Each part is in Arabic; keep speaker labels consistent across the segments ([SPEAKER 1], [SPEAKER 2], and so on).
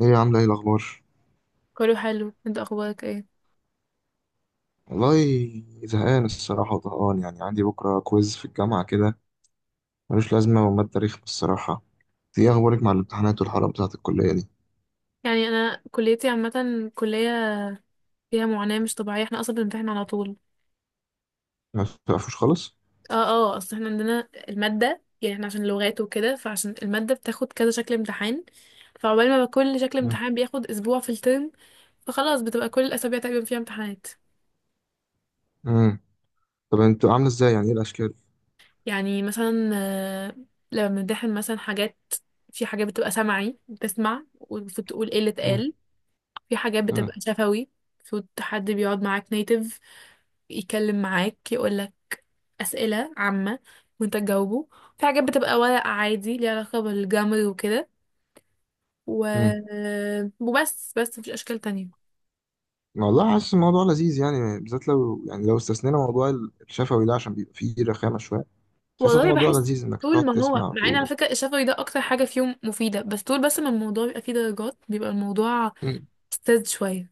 [SPEAKER 1] ايه يا عامله ايه الاخبار؟
[SPEAKER 2] كله حلو. انت اخبارك ايه؟
[SPEAKER 1] والله، زهقان الصراحه وطهقان، يعني عندي بكره كويز في الجامعه كده ملوش لازمه، وماده تاريخ الصراحه. ايه اخبارك مع الامتحانات والحرب بتاعه الكليه دي؟
[SPEAKER 2] يعني انا كليتي عامه، كليه فيها معاناه مش طبيعيه، احنا اصلا بنمتحن على طول.
[SPEAKER 1] ما بتعرفوش خالص.
[SPEAKER 2] اه اصل احنا عندنا الماده، يعني احنا عشان لغات وكده، فعشان الماده بتاخد كذا شكل امتحان، فعقبال ما كل شكل
[SPEAKER 1] مم.
[SPEAKER 2] امتحان بياخد اسبوع في الترم، فخلاص بتبقى كل الاسابيع تقريبا فيها امتحانات.
[SPEAKER 1] مم. طب انتوا عامله ازاي؟ يعني ايه الاشكال؟
[SPEAKER 2] يعني مثلا لما بنمتحن مثلا حاجات، في حاجات بتبقى سمعي، بتسمع وتقول ايه اللي
[SPEAKER 1] مم.
[SPEAKER 2] اتقال، في حاجات
[SPEAKER 1] مم.
[SPEAKER 2] بتبقى شفوي، المفروض حد بيقعد معاك نيتيف يتكلم معاك، يقولك أسئلة عامة وانت تجاوبه، في حاجات بتبقى ورق عادي ليها علاقة بالجمر وكده، و...
[SPEAKER 1] مم.
[SPEAKER 2] وبس مفيش أشكال تانية.
[SPEAKER 1] والله حاسس الموضوع لذيذ، يعني بالذات لو استثنينا موضوع الشفوي ده، عشان بيبقى فيه رخامه شويه. حاسس
[SPEAKER 2] والله
[SPEAKER 1] الموضوع
[SPEAKER 2] بحس
[SPEAKER 1] لذيذ انك
[SPEAKER 2] طول
[SPEAKER 1] تقعد
[SPEAKER 2] ما هو،
[SPEAKER 1] تسمع
[SPEAKER 2] مع ان على
[SPEAKER 1] وتقول.
[SPEAKER 2] فكرة الشفوي ده أكتر حاجة فيهم مفيدة، بس طول ما الموضوع بيبقى فيه درجات، بيبقى الموضوع
[SPEAKER 1] مم.
[SPEAKER 2] مستفز شوية.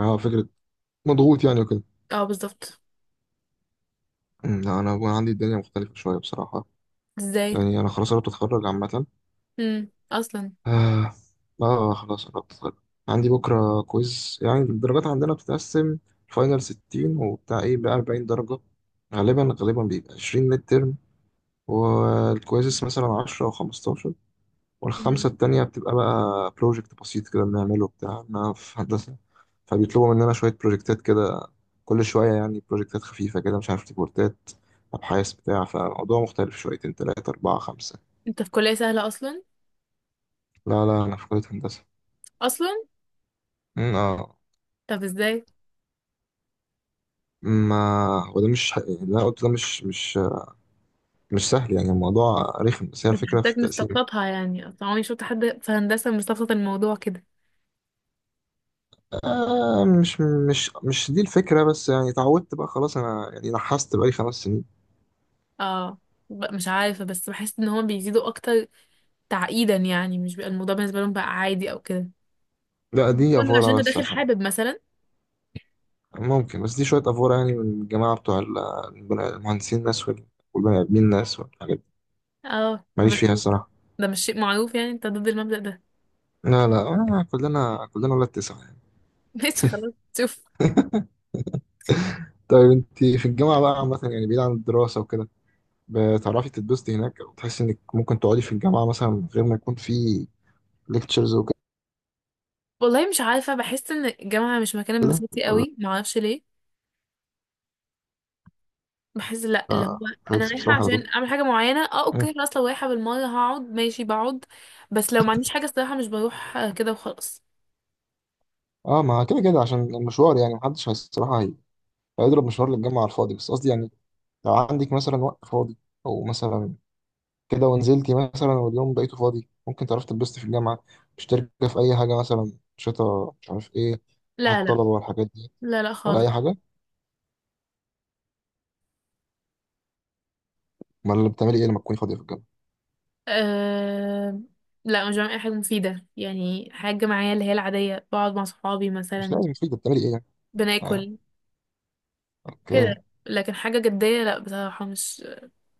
[SPEAKER 1] اه، فكره. مضغوط يعني وكده.
[SPEAKER 2] اه بالظبط.
[SPEAKER 1] مم. لا انا عندي الدنيا مختلفه شويه بصراحه.
[SPEAKER 2] ازاي؟
[SPEAKER 1] يعني أنا خلاص قربت أتخرج عامة.
[SPEAKER 2] امم، أصلا؟
[SPEAKER 1] آه، آه، خلاص قربت أتخرج. عندي بكرة كويز، يعني الدرجات عندنا بتتقسم فاينل 60، وبتاع إيه بقى 40 درجة، غالبا غالبا بيبقى 20 ميد ترم، والكويزس مثلا 10 أو 15، والخمسة
[SPEAKER 2] مم.
[SPEAKER 1] التانية بتبقى بقى بروجكت بسيط كده بنعمله بتاع، أنا في هندسة فبيطلبوا مننا شوية بروجكتات كده، كل شوية يعني بروجكتات خفيفة كده، مش عارف، ريبورتات، أبحاث بتاع، فالموضوع مختلف شويتين تلاتة أربعة خمسة.
[SPEAKER 2] انت في كلية سهلة أصلا؟
[SPEAKER 1] لا لا، أنا في كلية هندسة.
[SPEAKER 2] أصلا؟
[SPEAKER 1] مم، اه.
[SPEAKER 2] طب ازاي؟
[SPEAKER 1] ما هو ده مش ح- اللي انا قلته ده مش سهل يعني، الموضوع رخم بس هي
[SPEAKER 2] بس
[SPEAKER 1] الفكره في
[SPEAKER 2] حسيتك
[SPEAKER 1] التقسيم.
[SPEAKER 2] مستفلطها، يعني اصلا عمري شفت حد في هندسة مستفلط الموضوع كده.
[SPEAKER 1] آه مش دي الفكره، بس يعني اتعودت بقى خلاص، انا يعني نحست بقالي خمس سنين.
[SPEAKER 2] اه مش عارفة، بس بحس ان هما بيزيدوا اكتر تعقيدا، يعني مش بيبقى الموضوع بالنسبة لهم بقى عادي او كده.
[SPEAKER 1] لا دي
[SPEAKER 2] كنت عشان
[SPEAKER 1] افوره
[SPEAKER 2] انت
[SPEAKER 1] بس
[SPEAKER 2] داخل
[SPEAKER 1] عشان،
[SPEAKER 2] حابب مثلا.
[SPEAKER 1] ممكن، بس دي شويه افوره يعني، من الجماعه بتوع المهندسين الناس والبني ادمين الناس والحاجات دي،
[SPEAKER 2] اه ب-
[SPEAKER 1] ماليش فيها الصراحه.
[SPEAKER 2] ده مش شيء معروف، يعني انت ضد المبدأ ده.
[SPEAKER 1] لا لا، آه، كلنا كلنا ولاد تسعه يعني.
[SPEAKER 2] ماشي، خلاص، شوف.
[SPEAKER 1] طيب انت في الجامعه بقى عامه، يعني بعيد عن الدراسه وكده، بتعرفي تتبسطي هناك؟ او تحسي انك ممكن تقعدي في الجامعه مثلا من غير ما يكون في ليكتشرز وكده؟
[SPEAKER 2] والله مش عارفة، بحس ان الجامعة مش مكان انبساطي
[SPEAKER 1] ولا
[SPEAKER 2] قوي، معرفش ليه. بحس لا، اللي هو انا
[SPEAKER 1] خليكي
[SPEAKER 2] رايحة
[SPEAKER 1] بتروحي على طول؟
[SPEAKER 2] عشان اعمل حاجة معينة، اه
[SPEAKER 1] مم.
[SPEAKER 2] اوكي خلاص، لو رايحة بالمرة هقعد، ماشي بقعد، بس لو ما عنديش حاجة الصراحة مش بروح كده وخلاص.
[SPEAKER 1] اه، ما كده كده عشان المشوار، يعني محدش الصراحه هيضرب مشوار للجامعه على الفاضي، بس قصدي يعني لو عندك مثلا وقت فاضي، او مثلا كده ونزلتي مثلا واليوم بقيته فاضي، ممكن تعرفي تتبسطي في الجامعه؟ مشتركه في اي حاجه مثلا، شتا مش عارف ايه، اتحاد
[SPEAKER 2] لا لا.
[SPEAKER 1] الطلبه والحاجات دي؟
[SPEAKER 2] لا لا
[SPEAKER 1] ولا
[SPEAKER 2] خالص.
[SPEAKER 1] اي حاجه؟ امال بتعملي ايه لما تكوني فاضيه في الجامعه؟
[SPEAKER 2] أه... لا مش بعمل اي حاجه مفيده، يعني حاجه معايا اللي هي العاديه، بقعد مع صحابي
[SPEAKER 1] مش
[SPEAKER 2] مثلا،
[SPEAKER 1] لازم مفيد، بتعملي ايه يعني؟ آه.
[SPEAKER 2] بناكل
[SPEAKER 1] اوكي.
[SPEAKER 2] كده، لكن حاجه جديه لا بصراحه، مش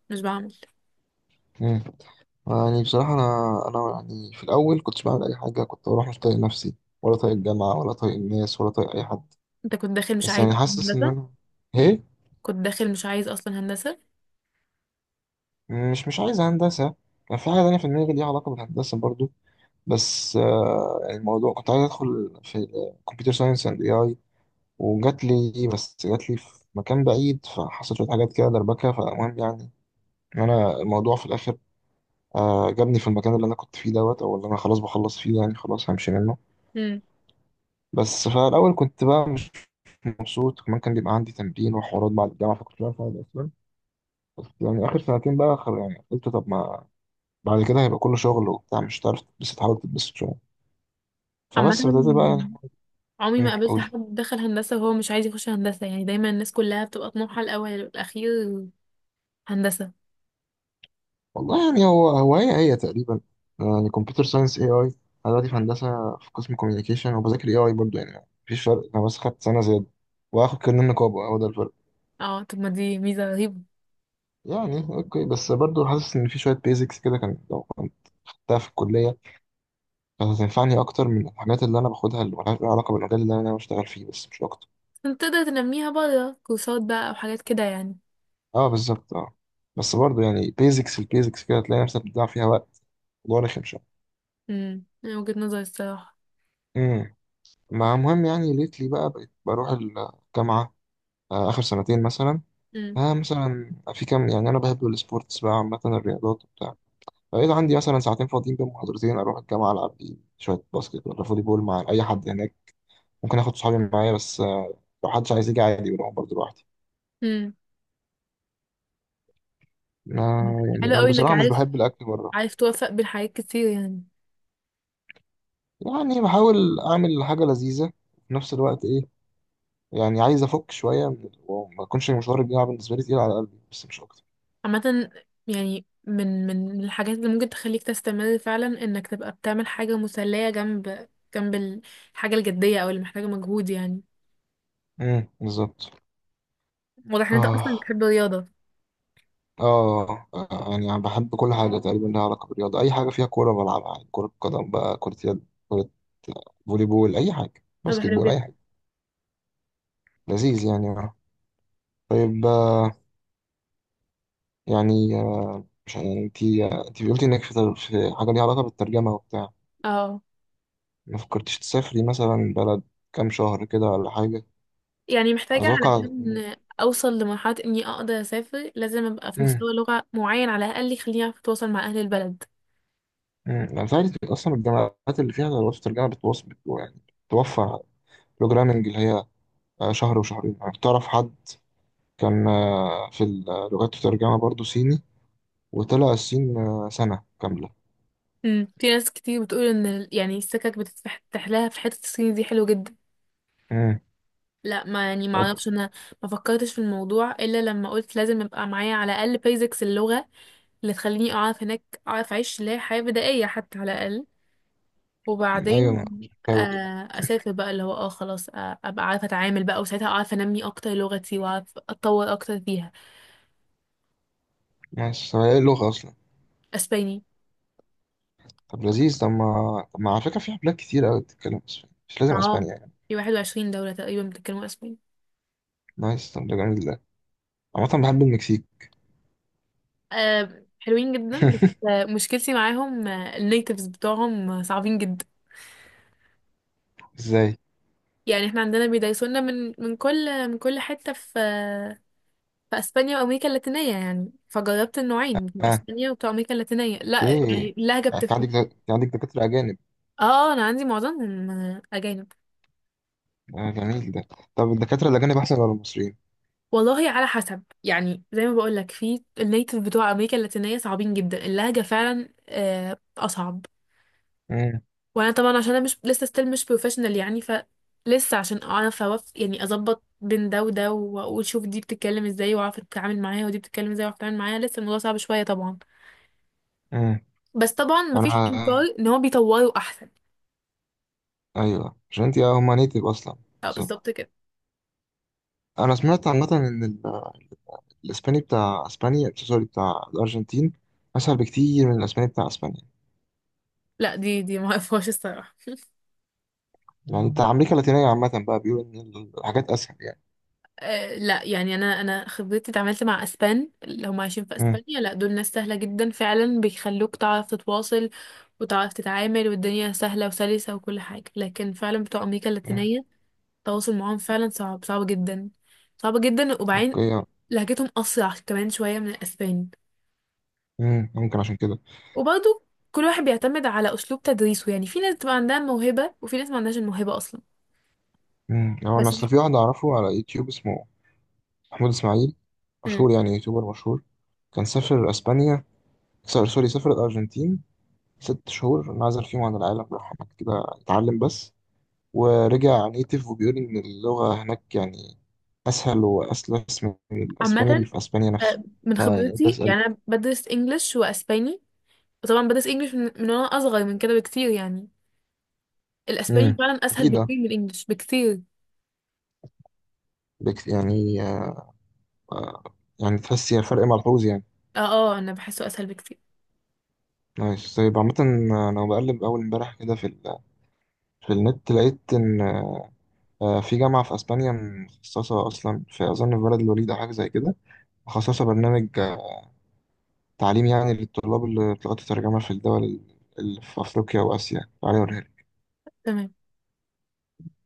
[SPEAKER 2] مش بعمل.
[SPEAKER 1] مم. يعني بصراحة أنا يعني في الأول كنتش بعمل أي حاجة، كنت بروح مش طايق نفسي ولا طايق الجامعة ولا طايق الناس ولا طايق أي حد،
[SPEAKER 2] انت كنت داخل مش
[SPEAKER 1] بس
[SPEAKER 2] عايز
[SPEAKER 1] يعني
[SPEAKER 2] اصلا
[SPEAKER 1] حاسس إن
[SPEAKER 2] هندسه.
[SPEAKER 1] أنا، إيه،
[SPEAKER 2] كنت داخل مش عايز اصلا هندسه.
[SPEAKER 1] مش عايز هندسة. كان في حاجة تانية في دماغي ليها علاقة بالهندسة برضو، بس يعني الموضوع كنت عايز أدخل في كمبيوتر ساينس أند إي أي، وجات لي بس جات لي في مكان بعيد، فحصلت شوية حاجات كده دربكة، فالمهم يعني إن أنا الموضوع في الآخر آه جابني في المكان اللي أنا كنت فيه دوت، أو اللي أنا خلاص بخلص فيه، يعني خلاص همشي منه.
[SPEAKER 2] امم.
[SPEAKER 1] بس فالأول كنت بقى مبسوط، كمان كان بيبقى عندي تمرين وحوارات بعد الجامعة، فكنت بعرف أقعد أصلا، بس يعني آخر سنتين بقى خر، يعني قلت طب ما بعد كده هيبقى كله شغل وبتاع، مش هتعرف تتبسط، حاول تتبسط شوية،
[SPEAKER 2] عامه
[SPEAKER 1] فبس بدأت بقى يعني.
[SPEAKER 2] عمري ما
[SPEAKER 1] مم،
[SPEAKER 2] قابلت
[SPEAKER 1] قولي.
[SPEAKER 2] حد دخل هندسه وهو مش عايز يخش هندسه، يعني دايما الناس كلها بتبقى طموحها الاول والاخير هندسه.
[SPEAKER 1] والله يعني هو هو هي هي تقريبا، يعني كمبيوتر ساينس اي اي، أنا دلوقتي في هندسة في قسم كوميونيكيشن وبذاكر اي اي برضه، يعني مفيش فرق، أنا بس خدت سنة زيادة وآخد كارنيه نقابة، هو ده الفرق.
[SPEAKER 2] اه طب ما دي ميزه رهيبه.
[SPEAKER 1] يعني أوكي، بس برضه حاسس إن في شوية بيزكس كده، كان لو كنت خدتها في الكلية كانت هتنفعني أكتر من الحاجات اللي أنا باخدها اللي ملهاش علاقة بالمجال اللي أنا بشتغل فيه، بس مش أكتر.
[SPEAKER 2] انت تقدر تنميها بره كورسات بقى او حاجات كده يعني.
[SPEAKER 1] أه بالظبط، أه. بس برضه يعني بيزكس البيزكس كده تلاقي نفسك بتضيع فيها وقت، الموضوع رخم شوية.
[SPEAKER 2] امم، من وجهة نظري الصراحة.
[SPEAKER 1] امم، مع المهم يعني، ليتلي بقى بقيت بروح الجامعة آه، آخر سنتين مثلا،
[SPEAKER 2] امم.
[SPEAKER 1] آه مثلا في كام، يعني أنا بحب السبورتس بقى، عامة الرياضات وبتاع، فبقيت عندي مثلا ساعتين فاضيين بين محاضرتين أروح الجامعة ألعب لي شوية باسكت ولا فولي بول مع أي حد هناك، ممكن آخد صحابي معايا بس آه، لو حدش عايز يجي عادي بروح برضه لوحدي.
[SPEAKER 2] امم.
[SPEAKER 1] ما يعني
[SPEAKER 2] حلو
[SPEAKER 1] أنا
[SPEAKER 2] قوي انك
[SPEAKER 1] بصراحة مش
[SPEAKER 2] عارف
[SPEAKER 1] بحب الأكل بره،
[SPEAKER 2] عارف توفق بين حاجات كتير يعني.
[SPEAKER 1] يعني بحاول أعمل حاجة لذيذة في نفس الوقت، إيه يعني عايز أفك شوية من وما أكونش مشوار الجامعة بالنسبة لي تقيل على قلبي، بس مش أكتر.
[SPEAKER 2] عامة يعني من الحاجات اللي ممكن تخليك تستمر فعلا، انك تبقى بتعمل حاجة مسلية جنب جنب ال- الحاجة الجدية او اللي محتاجة مجهود يعني.
[SPEAKER 1] بالظبط،
[SPEAKER 2] واضح ان انت اصلا
[SPEAKER 1] آه،
[SPEAKER 2] بتحب الرياضة.
[SPEAKER 1] آه، يعني أنا بحب كل حاجة تقريبا لها علاقة بالرياضة، أي حاجة فيها كورة بلعبها، يعني كرة قدم بقى، كرة يد، كرة فولي بول، أي حاجة،
[SPEAKER 2] طب
[SPEAKER 1] باسكت
[SPEAKER 2] حلو
[SPEAKER 1] بول،
[SPEAKER 2] جدا.
[SPEAKER 1] أي حاجة. لذيذ يعني، آه. طيب آه، يعني آه، مش يعني أنت، أنت قلتي إنك في حاجة ليها علاقة بالترجمة وبتاع،
[SPEAKER 2] اه،
[SPEAKER 1] ما فكرتش تسافري مثلا بلد كام شهر كده ولا حاجة؟
[SPEAKER 2] يعني محتاجة
[SPEAKER 1] أتوقع إن-
[SPEAKER 2] علشان اوصل لمرحلة اني اقدر اسافر لازم ابقى في
[SPEAKER 1] مم.
[SPEAKER 2] مستوى لغة معين على الاقل يخليني اعرف اتواصل مع اهل البلد.
[SPEAKER 1] مم. أنا فعلا أصلا الجامعات اللي فيها دراسة الترجمة يعني بتوفر بروجرامنج اللي هي آه، شهر وشهرين، يعني تعرف حد كان آه، في اللغات الترجمة برضه صيني وطلع الصين آه، سنة كاملة.
[SPEAKER 2] امم، في ناس كتير بتقول ان يعني السكك بتتفتح لها في حتة الصيني دي، حلو جدا.
[SPEAKER 1] مم.
[SPEAKER 2] لا ما يعني ما
[SPEAKER 1] طب
[SPEAKER 2] اعرفش انا. ما فكرتش في الموضوع الا لما قلت لازم يبقى معايا على الاقل بيزكس اللغة اللي تخليني اعرف هناك، اعرف اعيش اللي هي حياة بدائية حتى على الاقل،
[SPEAKER 1] أيوة
[SPEAKER 2] وبعدين
[SPEAKER 1] مش حاول يعني.
[SPEAKER 2] اسافر بقى، اللي هو اه خلاص، ابقى عارفة اتعامل بقى، وساعتها اعرف انمي اكتر لغتي، واعرف اتطور اكتر فيها.
[SPEAKER 1] ماشي، طب هي اللغة أصلا؟
[SPEAKER 2] اسباني.
[SPEAKER 1] طب لذيذ، طب ما على فكرة في بلاد كتير أوي بتتكلم أسباني، مش لازم
[SPEAKER 2] اه،
[SPEAKER 1] أسبانيا يعني.
[SPEAKER 2] في 21 دولة تقريبا بيتكلموا اسباني.
[SPEAKER 1] نايس، طب ده جميل ده، عامة بحب المكسيك.
[SPEAKER 2] حلوين جدا بس مشكلتي معاهم النيتيفز بتوعهم صعبين جدا.
[SPEAKER 1] ازاي؟
[SPEAKER 2] يعني احنا عندنا بيدايسونا من كل حتة في في اسبانيا وامريكا اللاتينية، يعني فجربت النوعين، بتوع
[SPEAKER 1] اه،
[SPEAKER 2] اسبانيا وبتوع امريكا اللاتينية، لا
[SPEAKER 1] اوكي،
[SPEAKER 2] يعني اللهجة
[SPEAKER 1] انت عندك
[SPEAKER 2] بتفرق.
[SPEAKER 1] انت عندك دكاترة أجانب؟
[SPEAKER 2] اه انا عندي معظمهم اجانب.
[SPEAKER 1] آه، جميل ده، طب الدكاترة الأجانب أحسن ولا المصريين؟
[SPEAKER 2] والله على حسب، يعني زي ما بقول لك في النيتيف بتوع امريكا اللاتينية صعبين جدا، اللهجة فعلا اصعب.
[SPEAKER 1] امم،
[SPEAKER 2] وانا طبعا عشان انا مش لسه ستيل مش بروفيشنال يعني، ف لسه عشان اعرف اوف، يعني اظبط بين ده وده واقول شوف دي بتتكلم ازاي واعرف اتعامل معاها ودي بتتكلم ازاي واعرف اتعامل معاها، لسه الموضوع صعب شويه طبعا.
[SPEAKER 1] امم،
[SPEAKER 2] بس طبعا
[SPEAKER 1] أنا
[SPEAKER 2] مفيش انكار
[SPEAKER 1] آه،
[SPEAKER 2] ان هو بيطوروا احسن.
[SPEAKER 1] أيوه عشان أنت هما نيتف أصلا،
[SPEAKER 2] اه
[SPEAKER 1] بالظبط.
[SPEAKER 2] بالظبط كده.
[SPEAKER 1] أنا سمعت عامة إن الإسباني بتاع أسبانيا، سوري بتاع الأرجنتين، أسهل بكتير من الإسباني بتاع أسبانيا،
[SPEAKER 2] لا دي ما اعرفهاش الصراحه.
[SPEAKER 1] يعني بتاع أمريكا اللاتينية عامة بقى بيقولوا إن الحاجات أسهل يعني.
[SPEAKER 2] آه لا يعني، انا خبرتي اتعاملت مع اسبان اللي هم عايشين في
[SPEAKER 1] امم.
[SPEAKER 2] اسبانيا، لا دول ناس سهله جدا فعلا، بيخلوك تعرف تتواصل وتعرف تتعامل، والدنيا سهله وسلسه وكل حاجه، لكن فعلا بتوع امريكا
[SPEAKER 1] أمم.
[SPEAKER 2] اللاتينيه التواصل معاهم فعلا صعب، صعب جدا، صعب جدا، وبعدين
[SPEAKER 1] أوكي.
[SPEAKER 2] لهجتهم أسرع كمان شوية من الأسباني.
[SPEAKER 1] ممكن عشان كده.
[SPEAKER 2] وبرضه كل واحد بيعتمد على أسلوب تدريسه، يعني في ناس بتبقى عندها الموهبة، وفي ناس ما عندهاش الموهبة أصلا.
[SPEAKER 1] هو أنا
[SPEAKER 2] بس
[SPEAKER 1] أصل
[SPEAKER 2] بي...
[SPEAKER 1] في واحد أعرفه على يوتيوب اسمه محمود إسماعيل،
[SPEAKER 2] مم.
[SPEAKER 1] مشهور، يعني يوتيوبر مشهور، كان سافر أسبانيا، سوري سوري، سافر الأرجنتين ست شهور، انعزل فيهم عن العالم، راح هناك كده اتعلم بس، ورجع نيتيف وبيقول إن اللغة هناك يعني أسهل وأسلس من الأسباني اللي
[SPEAKER 2] عامة
[SPEAKER 1] في أسبانيا نفسه.
[SPEAKER 2] من
[SPEAKER 1] اه يعني قلت
[SPEAKER 2] خبرتي،
[SPEAKER 1] أسأل.
[SPEAKER 2] يعني أنا بدرس إنجلش وأسباني، وطبعا بدرس إنجلش من وأنا أصغر من كده بكتير يعني، الأسباني
[SPEAKER 1] امم،
[SPEAKER 2] فعلا أسهل
[SPEAKER 1] أكيد آه.
[SPEAKER 2] بكتير من الإنجلش بكتير.
[SPEAKER 1] يعني آه، يعني تحس هي فرق ملحوظ يعني؟
[SPEAKER 2] اه اه أنا بحسه أسهل بكتير.
[SPEAKER 1] نايس. طيب عامة آه، أنا بقلب أول امبارح كده في ال... في النت لقيت إن آه، في جامعة في أسبانيا مخصصة أصلا في، أظن في بلد الوليد أو حاجة زي كده، مخصصة برنامج آه، تعليم يعني للطلاب اللي بتلغة الترجمة في الدول اللي في أفريقيا وآسيا، تعالى أوريها.
[SPEAKER 2] تمام.